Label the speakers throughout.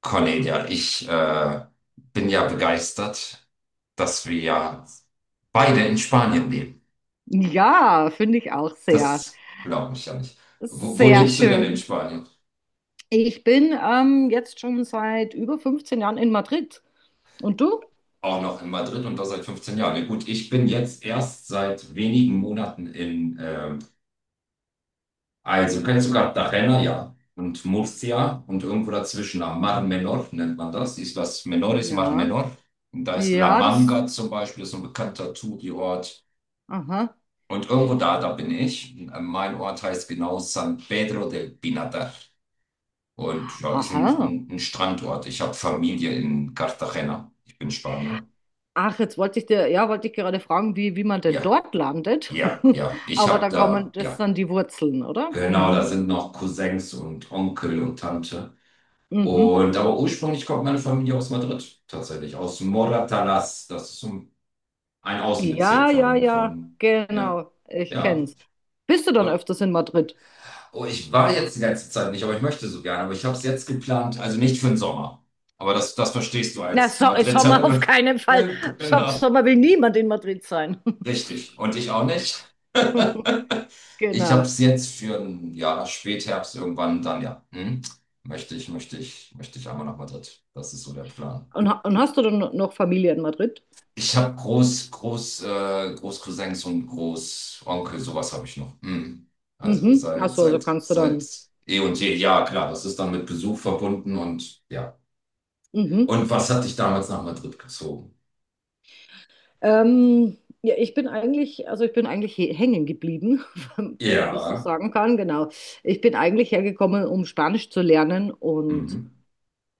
Speaker 1: Cornelia, ich bin ja begeistert, dass wir ja beide in Spanien leben.
Speaker 2: Ja, finde ich auch sehr,
Speaker 1: Das glaube ich ja nicht. Wo
Speaker 2: sehr
Speaker 1: lebst du denn in
Speaker 2: schön.
Speaker 1: Spanien?
Speaker 2: Ich bin jetzt schon seit über 15 Jahren in Madrid. Und du?
Speaker 1: Auch noch in Madrid und das seit 15 Jahren. Ja, gut, ich bin jetzt erst seit wenigen Monaten in, also kennst du Cartagena, ja, und Murcia und irgendwo dazwischen, am Mar Menor nennt man das, Islas Menores, Mar
Speaker 2: Ja,
Speaker 1: Menor. Und da ist La
Speaker 2: ja, das.
Speaker 1: Manga zum Beispiel, ist so ein bekannter Touri-Ort.
Speaker 2: Aha,
Speaker 1: Und irgendwo da bin ich. Mein Ort heißt genau San Pedro del Pinatar. Und ja, ist ein,
Speaker 2: aha.
Speaker 1: ein, ein Strandort. Ich habe Familie in Cartagena. Ich bin Spanier.
Speaker 2: Ach, jetzt wollte ich dir, ja, wollte ich gerade fragen, wie man denn
Speaker 1: Ja,
Speaker 2: dort landet.
Speaker 1: ja, ja. Ich
Speaker 2: Aber
Speaker 1: habe
Speaker 2: da kommen,
Speaker 1: da,
Speaker 2: das
Speaker 1: ja,
Speaker 2: sind die Wurzeln, oder?
Speaker 1: genau, da
Speaker 2: Mhm,
Speaker 1: sind noch Cousins und Onkel und Tante.
Speaker 2: mhm.
Speaker 1: Und aber ursprünglich kommt meine Familie aus Madrid, tatsächlich, aus Moratalaz. Das ist so ein Außenbezirk
Speaker 2: Ja, ja, ja,
Speaker 1: ja,
Speaker 2: genau. Ich
Speaker 1: ja.
Speaker 2: kenn's. Bist du dann öfters in Madrid?
Speaker 1: Oh, ich war jetzt die letzte Zeit nicht, aber ich möchte so gerne. Aber ich habe es jetzt geplant, also nicht für den Sommer. Aber das verstehst du
Speaker 2: Na,
Speaker 1: als
Speaker 2: so, Sommer auf
Speaker 1: Madriderin.
Speaker 2: keinen Fall.
Speaker 1: Genau.
Speaker 2: Sommer will niemand in Madrid sein.
Speaker 1: Richtig. Und ich auch nicht. Ich habe
Speaker 2: Genau.
Speaker 1: es jetzt für ein Jahr Spätherbst irgendwann dann, ja. Hm? Möchte ich einmal nach Madrid. Das ist so der Plan.
Speaker 2: Und, und hast du dann noch Familie in Madrid?
Speaker 1: Ich habe Großcousins und Großonkel, sowas habe ich noch. Hm. Also
Speaker 2: Mhm. Ach
Speaker 1: seit,
Speaker 2: so, also
Speaker 1: seit,
Speaker 2: kannst du
Speaker 1: seit
Speaker 2: dann.
Speaker 1: eh und je. Ja, klar, das ist dann mit Besuch verbunden und ja.
Speaker 2: Mhm.
Speaker 1: Und was hat dich damals nach Madrid gezogen?
Speaker 2: Ja, ich bin eigentlich, also ich bin eigentlich hängen geblieben, wenn man das so
Speaker 1: Ja.
Speaker 2: sagen kann, genau. Ich bin eigentlich hergekommen, um Spanisch zu lernen und
Speaker 1: Mhm.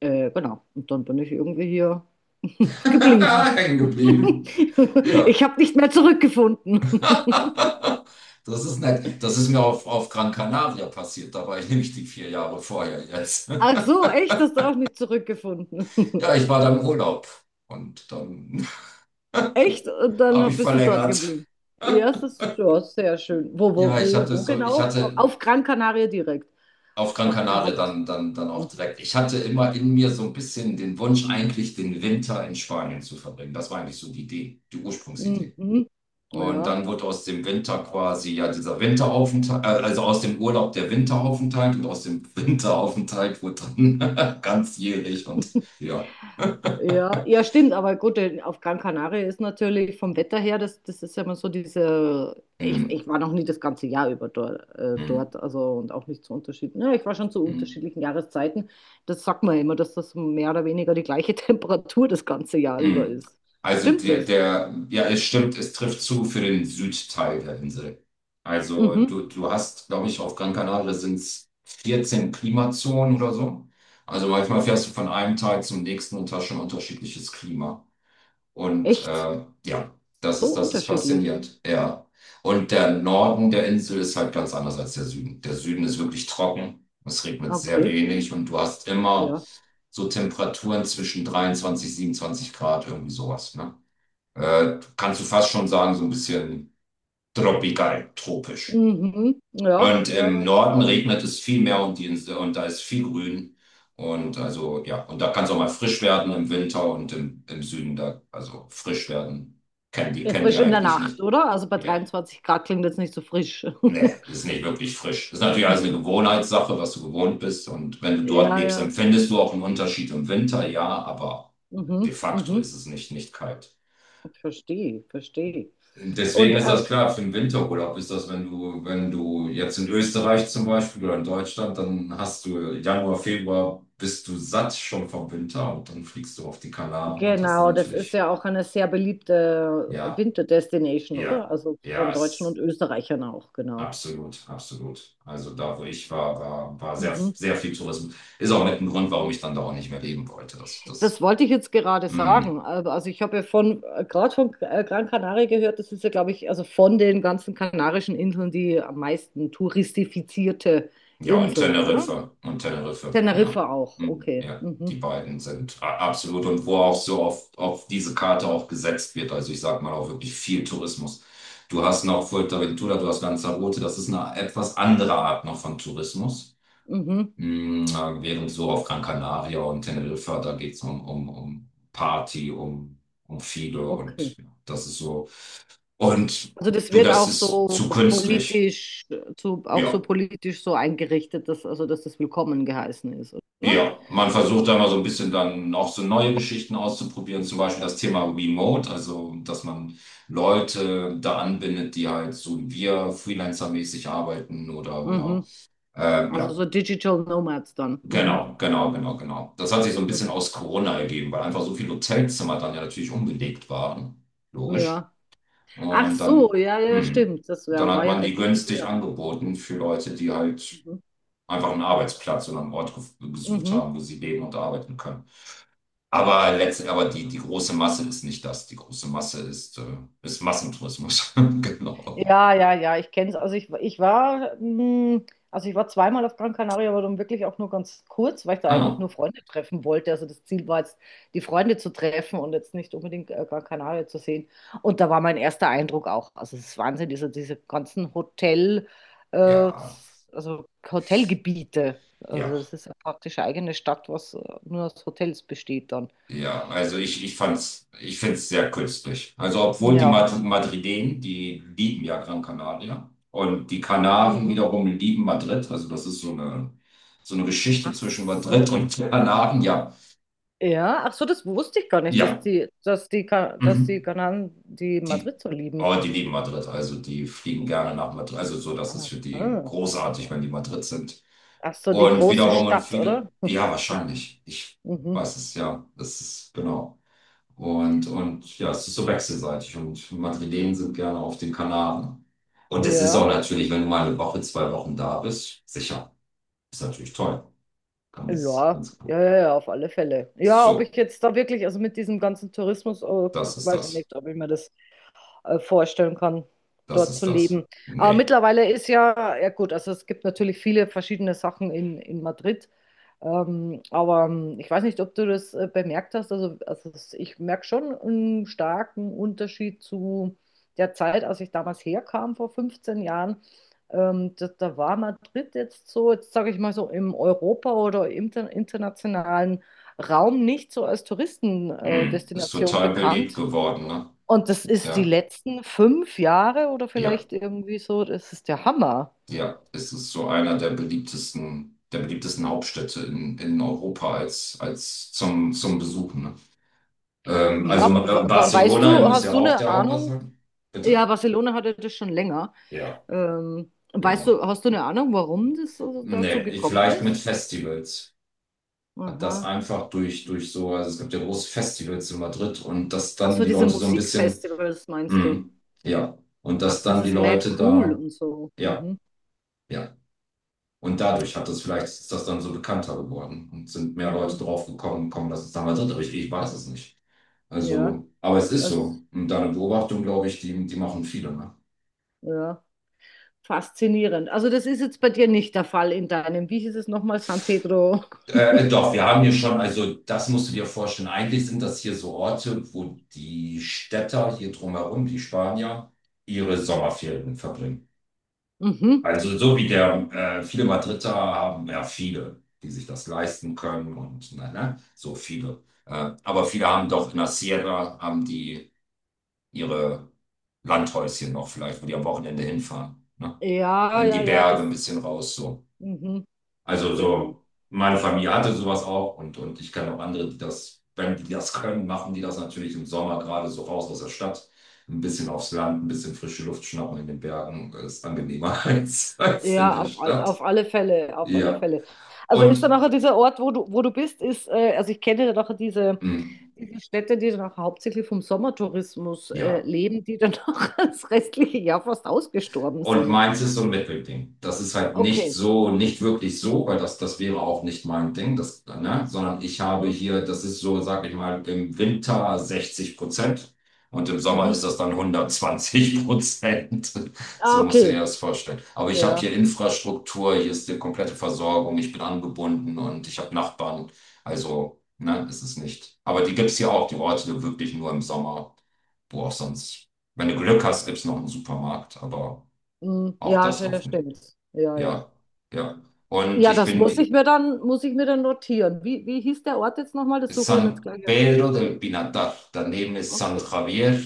Speaker 2: genau. Und dann bin ich irgendwie hier geblieben.
Speaker 1: Hängen geblieben. Ja.
Speaker 2: Ich habe nicht mehr zurückgefunden.
Speaker 1: Das ist nett. Das ist mir auf Gran Canaria passiert. Da war ich nämlich die vier Jahre vorher jetzt.
Speaker 2: Ach so, echt? Hast du auch nicht zurückgefunden?
Speaker 1: Ja, ich war da im Urlaub. Und dann
Speaker 2: Echt? Und dann
Speaker 1: habe ich
Speaker 2: bist du dort
Speaker 1: verlängert.
Speaker 2: geblieben. Ja, das ist schon sehr schön. Wo, wo,
Speaker 1: Ja, ich
Speaker 2: wo,
Speaker 1: hatte
Speaker 2: wo
Speaker 1: so, ich
Speaker 2: genau?
Speaker 1: hatte
Speaker 2: Auf Gran Canaria direkt.
Speaker 1: auf Gran
Speaker 2: Auf der
Speaker 1: Canaria
Speaker 2: Haupt.
Speaker 1: dann auch direkt. Ich hatte immer in mir so ein bisschen den Wunsch, eigentlich den Winter in Spanien zu verbringen. Das war eigentlich so die Idee, die Ursprungsidee.
Speaker 2: Mhm.
Speaker 1: Und
Speaker 2: Ja.
Speaker 1: dann wird aus dem Winter quasi ja dieser also aus dem Urlaub der Winteraufenthalt und aus dem Winteraufenthalt wird dann ganzjährig und ja.
Speaker 2: Ja, ja, stimmt, aber gut, denn auf Gran Canaria ist natürlich vom Wetter her, das ist ja immer so diese, ich,
Speaker 1: Hm,
Speaker 2: ich war noch nie das ganze Jahr über dort,
Speaker 1: hm,
Speaker 2: dort, also und auch nicht zu unterschiedlichen, ja, ich war schon zu
Speaker 1: hm,
Speaker 2: unterschiedlichen Jahreszeiten, das sagt man ja immer, dass das mehr oder weniger die gleiche Temperatur das ganze Jahr über
Speaker 1: hm.
Speaker 2: ist.
Speaker 1: Also
Speaker 2: Stimmt das?
Speaker 1: ja, es stimmt, es trifft zu für den Südteil der Insel. Also
Speaker 2: Mhm.
Speaker 1: du hast, glaube ich, auf Gran Canaria sind es 14 Klimazonen oder so. Also manchmal fährst du von einem Teil zum nächsten und hast schon unterschiedliches Klima. Und
Speaker 2: Echt?
Speaker 1: ja, das
Speaker 2: So
Speaker 1: ist, das ist
Speaker 2: unterschiedlich.
Speaker 1: faszinierend. Ja. Und der Norden der Insel ist halt ganz anders als der Süden. Der Süden ist wirklich trocken. Es regnet sehr
Speaker 2: Okay,
Speaker 1: wenig und du hast immer
Speaker 2: ja.
Speaker 1: so Temperaturen zwischen 23, 27 Grad, irgendwie sowas. Ne? Kannst du fast schon sagen, so ein bisschen tropisch.
Speaker 2: Mhm. Ja,
Speaker 1: Und
Speaker 2: ja,
Speaker 1: im
Speaker 2: ja.
Speaker 1: Norden regnet es viel mehr und, die Insel, und da ist viel Grün. Und also, ja, und da kann es auch mal frisch werden im Winter und im Süden da, also frisch werden. Kennen die,
Speaker 2: Ja,
Speaker 1: kennen die
Speaker 2: Frisch in der
Speaker 1: eigentlich
Speaker 2: Nacht,
Speaker 1: nicht.
Speaker 2: oder? Also bei
Speaker 1: Ja.
Speaker 2: 23 Grad klingt jetzt nicht so frisch.
Speaker 1: Nee, ist nicht wirklich frisch. Ist natürlich alles eine Gewohnheitssache, was du gewohnt bist. Und wenn du dort
Speaker 2: Ja,
Speaker 1: lebst,
Speaker 2: ja.
Speaker 1: empfindest du auch einen Unterschied im Winter, ja, aber
Speaker 2: Mhm,
Speaker 1: de facto
Speaker 2: mhm.
Speaker 1: ist es nicht kalt.
Speaker 2: Verstehe, verstehe.
Speaker 1: Und deswegen
Speaker 2: Und
Speaker 1: ist das klar, für den Winterurlaub ist das, wenn du, wenn du jetzt in Österreich zum Beispiel oder in Deutschland, dann hast du Januar, Februar, bist du satt schon vom Winter und dann fliegst du auf die Kanaren und hast dann
Speaker 2: genau, das ist
Speaker 1: natürlich,
Speaker 2: ja auch eine sehr beliebte
Speaker 1: ja,
Speaker 2: Winterdestination,
Speaker 1: ja,
Speaker 2: oder? Also
Speaker 1: ja,
Speaker 2: von Deutschen
Speaker 1: ist
Speaker 2: und Österreichern auch, genau.
Speaker 1: absolut, absolut. Also da, wo ich war sehr,
Speaker 2: Mhm.
Speaker 1: sehr viel Tourismus. Ist auch mit ein Grund, warum ich dann da auch nicht mehr leben wollte.
Speaker 2: Das wollte ich jetzt gerade
Speaker 1: Mm.
Speaker 2: sagen. Aber- Also ich habe ja von, gerade von Gran Canaria gehört, das ist ja, glaube ich, also von den ganzen Kanarischen Inseln die am meisten touristifizierte
Speaker 1: Ja, und
Speaker 2: Insel, oder?
Speaker 1: Teneriffa. Und Teneriffa, ja.
Speaker 2: Teneriffa auch, okay.
Speaker 1: Ja, die
Speaker 2: Mhm.
Speaker 1: beiden sind absolut. Und wo auch so auf diese Karte auch gesetzt wird. Also ich sag mal auch wirklich viel Tourismus. Du hast noch Fuerteventura, du hast Lanzarote. Das ist eine etwas andere Art noch von Tourismus.
Speaker 2: Mhm.
Speaker 1: Während so auf Gran Canaria und Teneriffa, da geht's um Party, um, um viele
Speaker 2: Okay.
Speaker 1: und ja, das ist so. Und
Speaker 2: Also das
Speaker 1: du,
Speaker 2: wird
Speaker 1: das
Speaker 2: auch
Speaker 1: ist zu
Speaker 2: so
Speaker 1: künstlich.
Speaker 2: politisch, so, auch so
Speaker 1: Ja.
Speaker 2: politisch so eingerichtet, dass, also dass das willkommen geheißen ist, oder?
Speaker 1: Ja, man versucht da mal so ein
Speaker 2: Mhm.
Speaker 1: bisschen dann auch so neue Geschichten auszuprobieren, zum Beispiel das Thema Remote, also dass man Leute da anbindet, die halt so wie wir Freelancer-mäßig arbeiten oder
Speaker 2: Mhm. Also
Speaker 1: ja,
Speaker 2: so Digital Nomads dann. Mhm.
Speaker 1: genau. Das hat sich so ein bisschen
Speaker 2: Mhm.
Speaker 1: aus Corona ergeben, weil einfach so viele Hotelzimmer dann ja natürlich unbelegt waren, logisch.
Speaker 2: Ja. Ach
Speaker 1: Und dann,
Speaker 2: so, ja, ja, ja,
Speaker 1: hm,
Speaker 2: stimmt. Das
Speaker 1: dann
Speaker 2: wär, war
Speaker 1: hat
Speaker 2: ja
Speaker 1: man die
Speaker 2: eigentlich
Speaker 1: günstig
Speaker 2: ideal.
Speaker 1: angeboten für Leute, die halt
Speaker 2: Mhm.
Speaker 1: einfach einen Arbeitsplatz oder einen Ort gesucht
Speaker 2: Mhm.
Speaker 1: haben, wo sie leben und arbeiten können. Aber letztlich, aber die große Masse ist nicht das. Die große Masse ist Massentourismus. Genau.
Speaker 2: Ja, ja, ja, ich kenne es. Also ich war, also ich war zweimal auf Gran Canaria, aber dann wirklich auch nur ganz kurz, weil ich da eigentlich
Speaker 1: Ah,
Speaker 2: nur Freunde treffen wollte. Also das Ziel war jetzt, die Freunde zu treffen und jetzt nicht unbedingt Gran Canaria zu sehen. Und da war mein erster Eindruck auch. Also es ist Wahnsinn, diese ganzen Hotel, äh,
Speaker 1: ja,
Speaker 2: das, also Hotelgebiete. Also
Speaker 1: ja,
Speaker 2: das ist ja praktisch eine eigene Stadt, was nur aus Hotels besteht dann.
Speaker 1: ja. Also ich fand's, ich find's sehr künstlich. Also obwohl die
Speaker 2: Ja.
Speaker 1: Madrilen, die lieben ja Gran Canaria. Und die Kanaren
Speaker 2: Mhm.
Speaker 1: wiederum lieben Madrid. Also das ist so eine Geschichte
Speaker 2: Ach
Speaker 1: zwischen Madrid
Speaker 2: so.
Speaker 1: und Kanaren. Ja,
Speaker 2: Ja, ach so, das wusste ich gar nicht, dass
Speaker 1: ja.
Speaker 2: die, dass die
Speaker 1: Mhm.
Speaker 2: Kanaren die
Speaker 1: Die,
Speaker 2: Madrid so lieben.
Speaker 1: oh, die lieben Madrid, also die fliegen gerne nach Madrid, also so, das ist für die
Speaker 2: Aha.
Speaker 1: großartig, wenn die Madrid sind.
Speaker 2: Ach so, die
Speaker 1: Und
Speaker 2: große
Speaker 1: wiederum und
Speaker 2: Stadt,
Speaker 1: viele,
Speaker 2: oder?
Speaker 1: ja, wahrscheinlich. Ich
Speaker 2: Hm. Mhm.
Speaker 1: weiß es, ja, das ist genau. Und ja, es ist so wechselseitig und Madrilen sind gerne auf den Kanaren. Und es ist auch
Speaker 2: Ja,
Speaker 1: natürlich, wenn du mal eine Woche, zwei Wochen da bist, sicher. Ist natürlich toll. Ganz,
Speaker 2: ja,
Speaker 1: ganz klar.
Speaker 2: ja, ja, ja, auf alle Fälle. Ja, ob
Speaker 1: So,
Speaker 2: ich jetzt da wirklich, also mit diesem ganzen Tourismus, oh,
Speaker 1: das ist
Speaker 2: weiß ich
Speaker 1: das.
Speaker 2: nicht, ob ich mir das vorstellen kann,
Speaker 1: Das
Speaker 2: dort zu
Speaker 1: ist das.
Speaker 2: leben. Aber
Speaker 1: Nee.
Speaker 2: mittlerweile ist ja, ja gut, also es gibt natürlich viele verschiedene Sachen in Madrid. Aber ich weiß nicht, ob du das bemerkt hast. Also, ich merke schon einen starken Unterschied zu der Zeit, als ich damals herkam, vor 15 Jahren. Da, da war Madrid jetzt so, jetzt sage ich mal so, im Europa- oder im inter internationalen Raum nicht so als Touristendestination
Speaker 1: Mm. Ist
Speaker 2: Destination
Speaker 1: total beliebt
Speaker 2: bekannt.
Speaker 1: geworden, ne?
Speaker 2: Und das ist die
Speaker 1: Ja.
Speaker 2: letzten 5 Jahre oder
Speaker 1: Ja,
Speaker 2: vielleicht irgendwie so, das ist der Hammer.
Speaker 1: ja, es ist so einer der beliebtesten Hauptstädte in Europa als zum, zum Besuchen. Ne?
Speaker 2: Ja, weißt
Speaker 1: Barcelona
Speaker 2: du,
Speaker 1: muss
Speaker 2: hast
Speaker 1: ja
Speaker 2: du
Speaker 1: auch
Speaker 2: eine
Speaker 1: der Hauptstadt
Speaker 2: Ahnung,
Speaker 1: sein. Bitte?
Speaker 2: ja, Barcelona hatte das schon länger.
Speaker 1: Ja,
Speaker 2: Weißt du,
Speaker 1: genau.
Speaker 2: hast du eine Ahnung, warum das so dazu
Speaker 1: Nee, ich,
Speaker 2: gekommen
Speaker 1: vielleicht mit
Speaker 2: ist?
Speaker 1: Festivals. Das
Speaker 2: Aha.
Speaker 1: einfach durch so, also es gibt ja große Festivals in Madrid und dass
Speaker 2: Ach
Speaker 1: dann
Speaker 2: so,
Speaker 1: die
Speaker 2: diese
Speaker 1: Leute so ein bisschen,
Speaker 2: Musikfestivals meinst du?
Speaker 1: ja, und
Speaker 2: Ach,
Speaker 1: dass dann die
Speaker 2: dieses Mad
Speaker 1: Leute
Speaker 2: Cool
Speaker 1: da,
Speaker 2: und so.
Speaker 1: ja.
Speaker 2: Mhm.
Speaker 1: Ja. Und dadurch hat das vielleicht ist das dann so bekannter geworden und sind mehr Leute
Speaker 2: Mhm.
Speaker 1: drauf dass es damals hat, aber ich weiß es nicht.
Speaker 2: Ja,
Speaker 1: Also, aber es ist so.
Speaker 2: das,
Speaker 1: Und deine Beobachtung, glaube ich, die machen viele, ne?
Speaker 2: ja, faszinierend. Also das ist jetzt bei dir nicht der Fall in deinem, wie hieß es nochmal, San Pedro?
Speaker 1: Doch, wir haben hier schon, also das musst du dir vorstellen. Eigentlich sind das hier so Orte, wo die Städter hier drumherum, die Spanier, ihre Sommerferien verbringen.
Speaker 2: Mhm.
Speaker 1: Also so wie viele Madrider haben ja viele, die sich das leisten können und ne, ne, so viele. Aber viele haben doch in der Sierra, haben die ihre Landhäuschen noch vielleicht, wo die am Wochenende hinfahren. Ne?
Speaker 2: Ja,
Speaker 1: In
Speaker 2: ja,
Speaker 1: die
Speaker 2: ja,
Speaker 1: Berge ein
Speaker 2: das,
Speaker 1: bisschen raus so.
Speaker 2: mhm.
Speaker 1: Also
Speaker 2: Genau.
Speaker 1: so, meine Familie hatte sowas auch und ich kenne auch andere, die das, wenn die das können, machen die das natürlich im Sommer gerade so raus aus der Stadt. Ein bisschen aufs Land, ein bisschen frische Luft schnappen in den Bergen ist angenehmer als, als in
Speaker 2: Ja,
Speaker 1: der Stadt.
Speaker 2: auf alle Fälle, auf alle
Speaker 1: Ja.
Speaker 2: Fälle. Also
Speaker 1: Und
Speaker 2: ist dann nachher dieser Ort, wo du bist, ist, also ich kenne dann nachher diese,
Speaker 1: mh,
Speaker 2: diese Städte, die dann auch hauptsächlich vom Sommertourismus
Speaker 1: ja.
Speaker 2: leben, die dann auch das restliche Jahr fast ausgestorben
Speaker 1: Und
Speaker 2: sind.
Speaker 1: meins ist so ein Mittelding. Das ist halt nicht
Speaker 2: Okay.
Speaker 1: so, nicht wirklich so, weil das, das wäre auch nicht mein Ding, das, ne? Sondern ich habe
Speaker 2: Mhm.
Speaker 1: hier, das ist so, sag ich mal, im Winter 60% und im Sommer ist
Speaker 2: Mhm.
Speaker 1: das dann 120%.
Speaker 2: Ah,
Speaker 1: So musst du dir
Speaker 2: okay.
Speaker 1: das vorstellen. Aber ich habe hier
Speaker 2: Ja.
Speaker 1: Infrastruktur, hier ist die komplette Versorgung, ich bin angebunden und ich habe Nachbarn. Also, ne, ist es nicht. Aber die gibt es hier auch, die Orte wirklich nur im Sommer. Wo auch sonst, wenn du Glück hast, gibt es noch einen Supermarkt, aber.
Speaker 2: Mhm.
Speaker 1: Auch das
Speaker 2: Ja,
Speaker 1: hoffen.
Speaker 2: stimmt. Ja, ja.
Speaker 1: Ja, ja. Und
Speaker 2: Ja,
Speaker 1: ich
Speaker 2: das
Speaker 1: bin
Speaker 2: muss ich mir dann, muss ich mir dann notieren. Wie hieß der Ort jetzt nochmal? Das suche ich mir jetzt
Speaker 1: San
Speaker 2: gleich auf.
Speaker 1: Pedro del Pinatar. Daneben ist San
Speaker 2: Okay.
Speaker 1: Javier.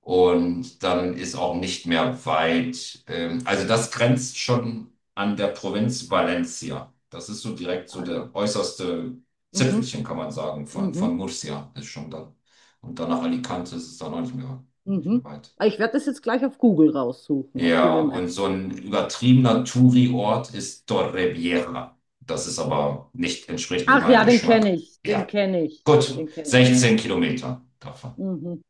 Speaker 1: Und dann ist auch nicht mehr weit. Also das grenzt schon an der Provinz Valencia. Das ist so direkt so
Speaker 2: Ah ja.
Speaker 1: der äußerste
Speaker 2: Mhm.
Speaker 1: Zipfelchen, kann man sagen, von,
Speaker 2: Mhm.
Speaker 1: von Murcia ist schon da. Und dann nach Alicante ist es dann auch nicht mehr, nicht
Speaker 2: Mhm.
Speaker 1: mehr weit.
Speaker 2: Aber ich werde das jetzt gleich auf Google raussuchen, auf
Speaker 1: Ja,
Speaker 2: Google
Speaker 1: und so
Speaker 2: Maps.
Speaker 1: ein übertriebener Touri-Ort ist Torrevieja. Das ist aber nicht, entspricht nicht
Speaker 2: Ach
Speaker 1: meinem
Speaker 2: ja, den
Speaker 1: Geschmack.
Speaker 2: kenne ich, den
Speaker 1: Ja,
Speaker 2: kenne ich,
Speaker 1: gut,
Speaker 2: den kenne ich.
Speaker 1: 16 Kilometer davon.
Speaker 2: Mhm.